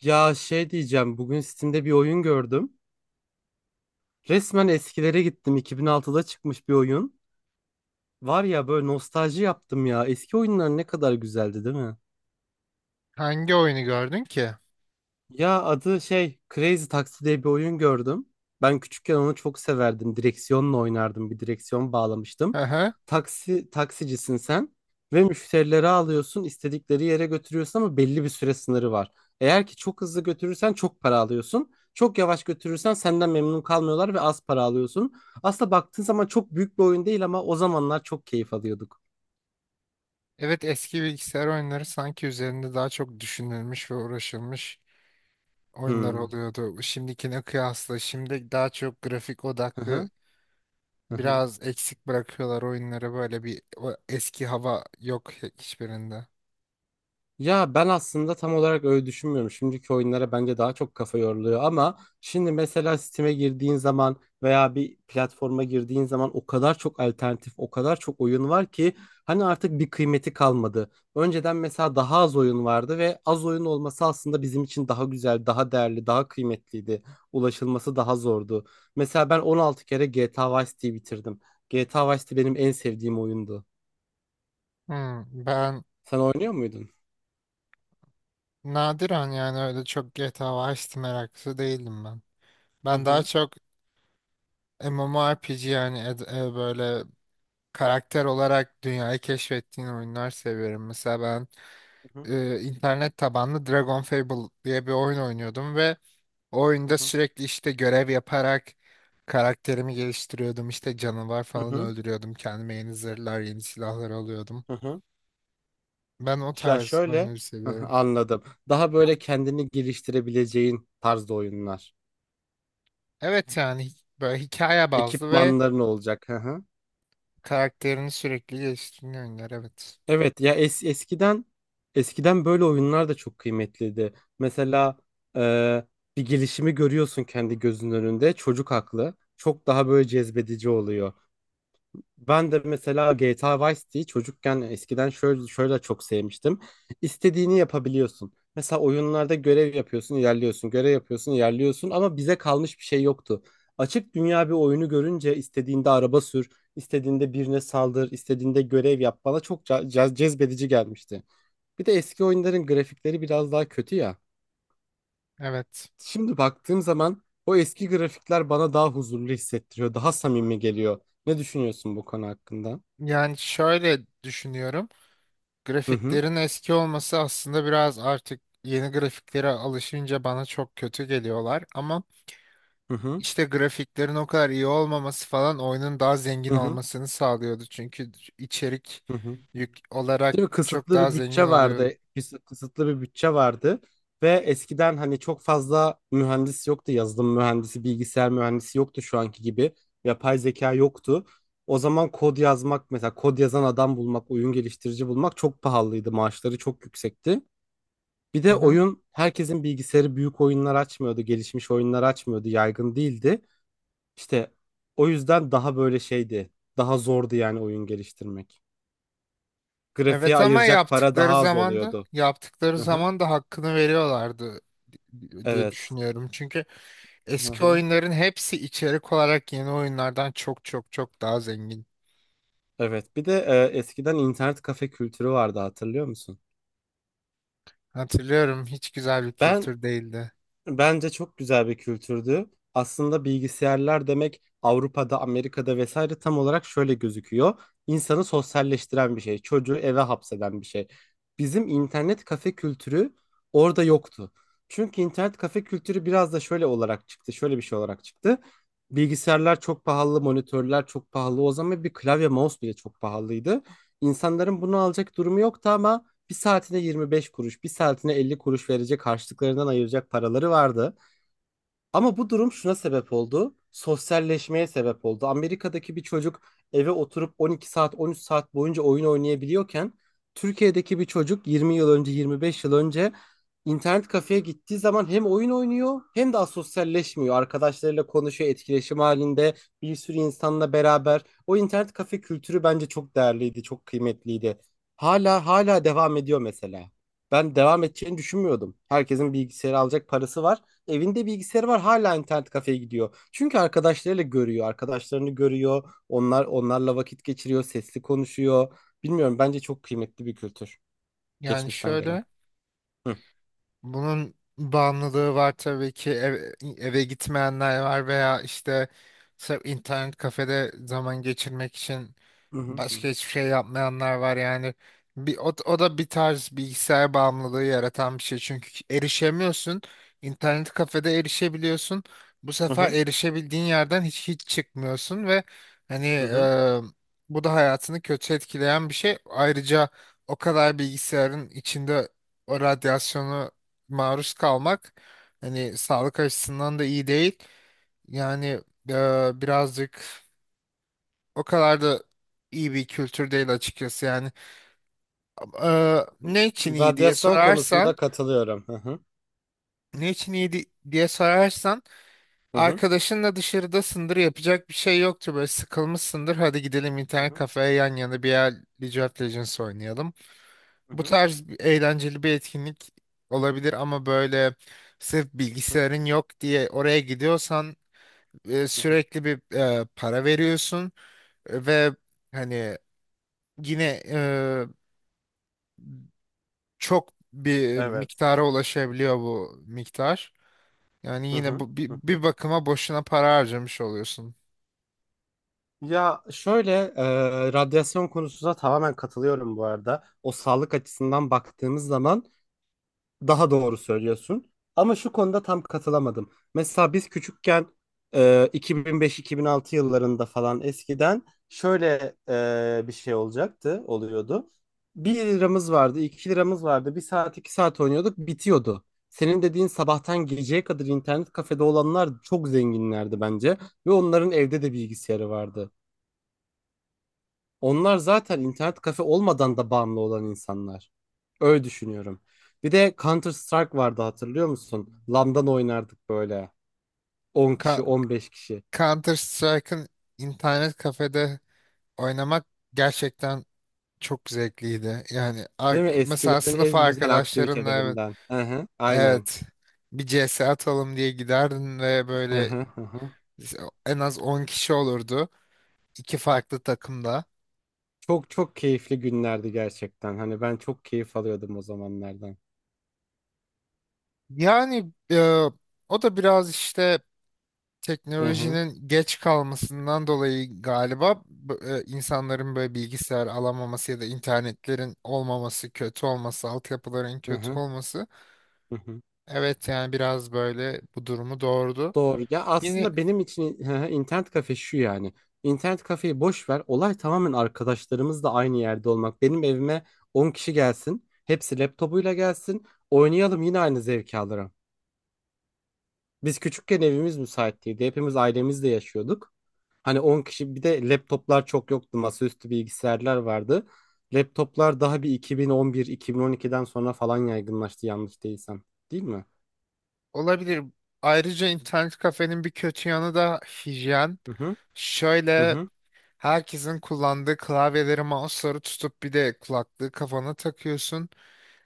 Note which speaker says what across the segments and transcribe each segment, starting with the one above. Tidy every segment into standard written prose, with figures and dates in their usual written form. Speaker 1: Ya şey diyeceğim, bugün Steam'de bir oyun gördüm. Resmen eskilere gittim. 2006'da çıkmış bir oyun. Var ya böyle nostalji yaptım ya. Eski oyunlar ne kadar güzeldi, değil mi?
Speaker 2: Hangi oyunu gördün ki?
Speaker 1: Ya adı şey Crazy Taxi diye bir oyun gördüm. Ben küçükken onu çok severdim. Direksiyonla oynardım. Bir direksiyon bağlamıştım.
Speaker 2: Hı hı.
Speaker 1: Taksi taksicisin sen ve müşterileri alıyorsun, istedikleri yere götürüyorsun ama belli bir süre sınırı var. Eğer ki çok hızlı götürürsen çok para alıyorsun. Çok yavaş götürürsen senden memnun kalmıyorlar ve az para alıyorsun. Aslında baktığın zaman çok büyük bir oyun değil ama o zamanlar çok keyif alıyorduk.
Speaker 2: Evet, eski bilgisayar oyunları sanki üzerinde daha çok düşünülmüş ve uğraşılmış oyunlar
Speaker 1: Hmm.
Speaker 2: oluyordu. Şimdikine kıyasla şimdi daha çok grafik
Speaker 1: Hı
Speaker 2: odaklı,
Speaker 1: hı. Hı hı.
Speaker 2: biraz eksik bırakıyorlar oyunları, böyle bir o eski hava yok hiçbirinde.
Speaker 1: Ya ben aslında tam olarak öyle düşünmüyorum. Şimdiki oyunlara bence daha çok kafa yoruluyor ama şimdi mesela Steam'e girdiğin zaman veya bir platforma girdiğin zaman o kadar çok alternatif, o kadar çok oyun var ki hani artık bir kıymeti kalmadı. Önceden mesela daha az oyun vardı ve az oyun olması aslında bizim için daha güzel, daha değerli, daha kıymetliydi. Ulaşılması daha zordu. Mesela ben 16 kere GTA Vice City'yi bitirdim. GTA Vice City benim en sevdiğim oyundu.
Speaker 2: Hmm, ben
Speaker 1: Sen oynuyor muydun?
Speaker 2: nadiren yani, öyle çok GTA Vice City meraklısı değildim ben.
Speaker 1: Hı
Speaker 2: Ben daha
Speaker 1: hı.
Speaker 2: çok MMORPG yani böyle karakter olarak dünyayı keşfettiğin oyunlar seviyorum. Mesela ben
Speaker 1: Hı hı.
Speaker 2: internet tabanlı Dragon Fable diye bir oyun oynuyordum ve o
Speaker 1: Hı
Speaker 2: oyunda
Speaker 1: hı.
Speaker 2: sürekli işte görev yaparak karakterimi geliştiriyordum. İşte canavar
Speaker 1: Hı
Speaker 2: falan
Speaker 1: hı.
Speaker 2: öldürüyordum. Kendime yeni zırhlar, yeni silahlar alıyordum.
Speaker 1: Hı hı.
Speaker 2: Ben o
Speaker 1: Ya
Speaker 2: tarz
Speaker 1: şöyle.
Speaker 2: oyunları
Speaker 1: Hı hı,
Speaker 2: seviyorum.
Speaker 1: anladım. Daha böyle kendini geliştirebileceğin tarzda oyunlar.
Speaker 2: Evet yani hi- Böyle hikaye bazlı ve
Speaker 1: Ekipmanların olacak. Hı hı.
Speaker 2: karakterini sürekli geliştiren oyunlar, evet.
Speaker 1: Evet ya es eskiden eskiden böyle oyunlar da çok kıymetliydi. Mesela e, bir gelişimi görüyorsun kendi gözünün önünde. Çocuk aklı çok daha böyle cezbedici oluyor. Ben de mesela GTA Vice City'yi çocukken eskiden şöyle çok sevmiştim. İstediğini yapabiliyorsun. Mesela oyunlarda görev yapıyorsun, ilerliyorsun, görev yapıyorsun, ilerliyorsun ama bize kalmış bir şey yoktu. Açık dünya bir oyunu görünce istediğinde araba sür, istediğinde birine saldır, istediğinde görev yap bana çok cezbedici gelmişti. Bir de eski oyunların grafikleri biraz daha kötü ya.
Speaker 2: Evet.
Speaker 1: Şimdi baktığım zaman o eski grafikler bana daha huzurlu hissettiriyor, daha samimi geliyor. Ne düşünüyorsun bu konu hakkında?
Speaker 2: Yani şöyle düşünüyorum.
Speaker 1: Hı hı.
Speaker 2: Grafiklerin eski olması aslında biraz, artık yeni grafiklere alışınca bana çok kötü geliyorlar ama
Speaker 1: Hı hı.
Speaker 2: İşte grafiklerin o kadar iyi olmaması falan oyunun daha zengin
Speaker 1: Hı hı.
Speaker 2: olmasını sağlıyordu. Çünkü içerik
Speaker 1: Hı hı.
Speaker 2: yük olarak
Speaker 1: Değil mi?
Speaker 2: çok
Speaker 1: Kısıtlı
Speaker 2: daha
Speaker 1: bir
Speaker 2: zengin
Speaker 1: bütçe
Speaker 2: oluyordu.
Speaker 1: vardı. Kısıtlı bir bütçe vardı. Ve eskiden hani çok fazla mühendis yoktu. Yazılım mühendisi, bilgisayar mühendisi yoktu şu anki gibi. Yapay zeka yoktu. O zaman kod yazmak mesela kod yazan adam bulmak, oyun geliştirici bulmak çok pahalıydı. Maaşları çok yüksekti. Bir
Speaker 2: Hı
Speaker 1: de
Speaker 2: hı.
Speaker 1: oyun herkesin bilgisayarı büyük oyunlar açmıyordu. Gelişmiş oyunlar açmıyordu. Yaygın değildi. İşte o yüzden daha böyle şeydi. Daha zordu yani oyun geliştirmek. Grafiğe
Speaker 2: Evet ama
Speaker 1: ayıracak para
Speaker 2: yaptıkları
Speaker 1: daha az
Speaker 2: zaman da
Speaker 1: oluyordu.
Speaker 2: yaptıkları
Speaker 1: Hı-hı.
Speaker 2: zaman da hakkını veriyorlardı diye
Speaker 1: Evet.
Speaker 2: düşünüyorum. Çünkü eski
Speaker 1: Hı-hı.
Speaker 2: oyunların hepsi içerik olarak yeni oyunlardan çok çok çok daha zengin.
Speaker 1: Evet. Bir de eskiden internet kafe kültürü vardı, hatırlıyor musun?
Speaker 2: Hatırlıyorum, hiç güzel bir
Speaker 1: Ben.
Speaker 2: kültür değildi.
Speaker 1: Bence çok güzel bir kültürdü. Aslında bilgisayarlar demek Avrupa'da, Amerika'da vesaire tam olarak şöyle gözüküyor. İnsanı sosyalleştiren bir şey, çocuğu eve hapseden bir şey. Bizim internet kafe kültürü orada yoktu. Çünkü internet kafe kültürü biraz da şöyle olarak çıktı, şöyle bir şey olarak çıktı. Bilgisayarlar çok pahalı, monitörler çok pahalı. O zaman bir klavye, mouse bile çok pahalıydı. İnsanların bunu alacak durumu yoktu ama bir saatine 25 kuruş, bir saatine 50 kuruş verecek harçlıklarından ayıracak paraları vardı. Ama bu durum şuna sebep oldu. Sosyalleşmeye sebep oldu. Amerika'daki bir çocuk eve oturup 12 saat, 13 saat boyunca oyun oynayabiliyorken Türkiye'deki bir çocuk 20 yıl önce, 25 yıl önce internet kafeye gittiği zaman hem oyun oynuyor hem de sosyalleşmiyor. Arkadaşlarıyla konuşuyor, etkileşim halinde bir sürü insanla beraber. O internet kafe kültürü bence çok değerliydi, çok kıymetliydi. Hala devam ediyor mesela. Ben devam edeceğini düşünmüyordum. Herkesin bilgisayarı alacak parası var, evinde bilgisayarı var, hala internet kafeye gidiyor. Çünkü arkadaşlarıyla görüyor, arkadaşlarını görüyor. Onlarla vakit geçiriyor, sesli konuşuyor. Bilmiyorum, bence çok kıymetli bir kültür,
Speaker 2: Yani
Speaker 1: geçmişten gelen.
Speaker 2: şöyle,
Speaker 1: Hı.
Speaker 2: bunun bağımlılığı var tabii ki, eve gitmeyenler var veya işte sırf internet kafede zaman geçirmek için
Speaker 1: Hı hı.
Speaker 2: başka hiçbir şey yapmayanlar var yani. O da bir tarz bilgisayar bağımlılığı yaratan bir şey, çünkü erişemiyorsun. İnternet kafede erişebiliyorsun. Bu
Speaker 1: Hı
Speaker 2: sefer
Speaker 1: hı.
Speaker 2: erişebildiğin yerden hiç çıkmıyorsun ve hani
Speaker 1: Hı hı.
Speaker 2: bu da hayatını kötü etkileyen bir şey. Ayrıca o kadar bilgisayarın içinde o radyasyonu maruz kalmak hani sağlık açısından da iyi değil. Yani birazcık, o kadar da iyi bir kültür değil açıkçası yani. Ne için iyi diye
Speaker 1: Radyasyon
Speaker 2: sorarsan,
Speaker 1: konusunda katılıyorum. Hı hı.
Speaker 2: ne için iyi di- diye sorarsan,
Speaker 1: Hı hı.
Speaker 2: arkadaşınla dışarıdasındır, yapacak bir şey yoktur, böyle sıkılmışsındır, hadi gidelim
Speaker 1: Hı
Speaker 2: internet
Speaker 1: hı.
Speaker 2: kafeye yan yana bir yer League of Legends oynayalım.
Speaker 1: Hı hı.
Speaker 2: Eğlenceli bir etkinlik olabilir ama böyle sırf
Speaker 1: Hı hı.
Speaker 2: bilgisayarın yok diye oraya gidiyorsan sürekli bir para veriyorsun ve hani yine çok bir
Speaker 1: Evet.
Speaker 2: miktara ulaşabiliyor bu miktar. Yani
Speaker 1: Hı
Speaker 2: yine
Speaker 1: hı.
Speaker 2: bu bir,
Speaker 1: Hı hı.
Speaker 2: bir bakıma boşuna para harcamış oluyorsun.
Speaker 1: Ya şöyle radyasyon konusunda tamamen katılıyorum bu arada. O, sağlık açısından baktığımız zaman daha doğru söylüyorsun. Ama şu konuda tam katılamadım. Mesela biz küçükken e, 2005-2006 yıllarında falan eskiden şöyle bir şey olacaktı, oluyordu. Bir liramız vardı, 2 liramız vardı. Bir saat, 2 saat oynuyorduk, bitiyordu. Senin dediğin sabahtan geceye kadar internet kafede olanlar çok zenginlerdi bence. Ve onların evde de bilgisayarı vardı. Onlar zaten internet kafe olmadan da bağımlı olan insanlar. Öyle düşünüyorum. Bir de Counter Strike vardı, hatırlıyor musun? LAN'dan oynardık böyle. 10
Speaker 2: Ka-
Speaker 1: kişi, 15 kişi.
Speaker 2: Counter Strike'ın internet kafede oynamak gerçekten çok zevkliydi. Yani
Speaker 1: Değil mi?
Speaker 2: mesela
Speaker 1: Eskilerin
Speaker 2: sınıf
Speaker 1: en güzel
Speaker 2: arkadaşlarınla, evet,
Speaker 1: aktivitelerinden. Hı hı, aynen.
Speaker 2: evet, bir CS atalım diye giderdin ve
Speaker 1: Hı
Speaker 2: böyle
Speaker 1: hı, hı hı.
Speaker 2: en az 10 kişi olurdu, iki farklı takımda.
Speaker 1: Çok çok keyifli günlerdi gerçekten. Hani ben çok keyif alıyordum o zamanlardan.
Speaker 2: Yani o da biraz işte
Speaker 1: Hı hı,
Speaker 2: teknolojinin geç kalmasından dolayı galiba, insanların böyle bilgisayar alamaması ya da internetlerin olmaması, kötü olması, altyapıların
Speaker 1: hı
Speaker 2: kötü
Speaker 1: hı,
Speaker 2: olması.
Speaker 1: hı hı.
Speaker 2: Evet yani biraz böyle bu durumu doğurdu.
Speaker 1: Doğru. Ya
Speaker 2: Yine
Speaker 1: aslında benim için hı hı, internet kafe şu yani. İnternet kafeyi boş ver. Olay tamamen arkadaşlarımızla aynı yerde olmak. Benim evime 10 kişi gelsin. Hepsi laptopuyla gelsin. Oynayalım, yine aynı zevki alırım. Biz küçükken evimiz müsait değildi. Hepimiz ailemizle yaşıyorduk. Hani 10 kişi, bir de laptoplar çok yoktu. Masaüstü bilgisayarlar vardı. Laptoplar daha bir 2011-2012'den sonra falan yaygınlaştı, yanlış değilsem. Değil mi?
Speaker 2: olabilir. Ayrıca internet kafenin bir kötü yanı da hijyen.
Speaker 1: Hı hı, hı
Speaker 2: Şöyle,
Speaker 1: hı,
Speaker 2: herkesin kullandığı klavyeleri, mouse'ları tutup bir de kulaklığı kafana takıyorsun.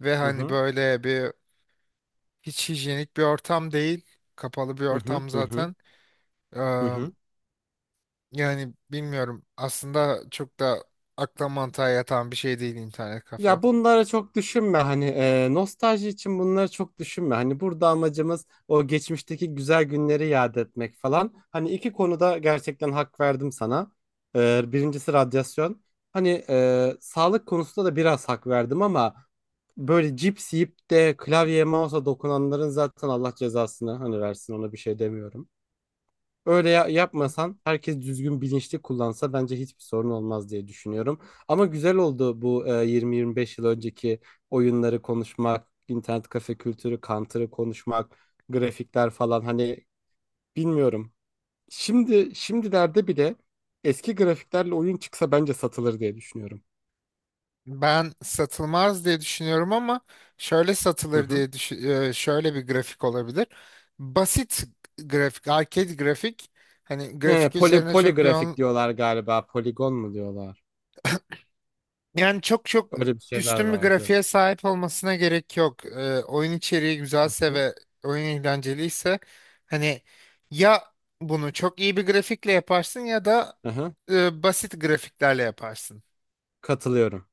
Speaker 2: Ve hani
Speaker 1: hı
Speaker 2: böyle bir, hiç hijyenik bir ortam değil. Kapalı bir
Speaker 1: hı, hı
Speaker 2: ortam
Speaker 1: hı, hı
Speaker 2: zaten. Ee,
Speaker 1: hı. Hı
Speaker 2: Yani bilmiyorum, aslında çok da akla mantığa yatan bir şey değil internet kafe.
Speaker 1: Ya bunları çok düşünme, hani nostalji için bunları çok düşünme. Hani burada amacımız o geçmişteki güzel günleri yad etmek falan. Hani iki konuda gerçekten hak verdim sana. Birincisi radyasyon. Hani sağlık konusunda da biraz hak verdim ama böyle cips yiyip de klavyeye mouse'a dokunanların zaten Allah cezasını hani versin ona bir şey demiyorum. Öyle yapmasan, herkes düzgün bilinçli kullansa bence hiçbir sorun olmaz diye düşünüyorum. Ama güzel oldu bu 20-25 yıl önceki oyunları konuşmak, internet kafe kültürü, Counter'ı konuşmak, grafikler falan, hani bilmiyorum. Şimdi şimdilerde bile eski grafiklerle oyun çıksa bence satılır diye düşünüyorum.
Speaker 2: Ben satılmaz diye düşünüyorum ama şöyle
Speaker 1: Hı
Speaker 2: satılır
Speaker 1: hı.
Speaker 2: diye düşün, şöyle bir grafik olabilir. Basit grafik, arcade grafik. Hani
Speaker 1: He,
Speaker 2: grafik üzerine çok
Speaker 1: poligrafik
Speaker 2: yoğun,
Speaker 1: diyorlar galiba, poligon mu diyorlar?
Speaker 2: yani çok çok
Speaker 1: Öyle bir şeyler
Speaker 2: üstün bir
Speaker 1: vardı.
Speaker 2: grafiğe sahip olmasına gerek yok. Oyun içeriği
Speaker 1: Hı
Speaker 2: güzelse
Speaker 1: hı.
Speaker 2: ve oyun eğlenceliyse hani, ya bunu çok iyi bir grafikle yaparsın ya da
Speaker 1: Hı hı.
Speaker 2: basit grafiklerle yaparsın.
Speaker 1: Katılıyorum.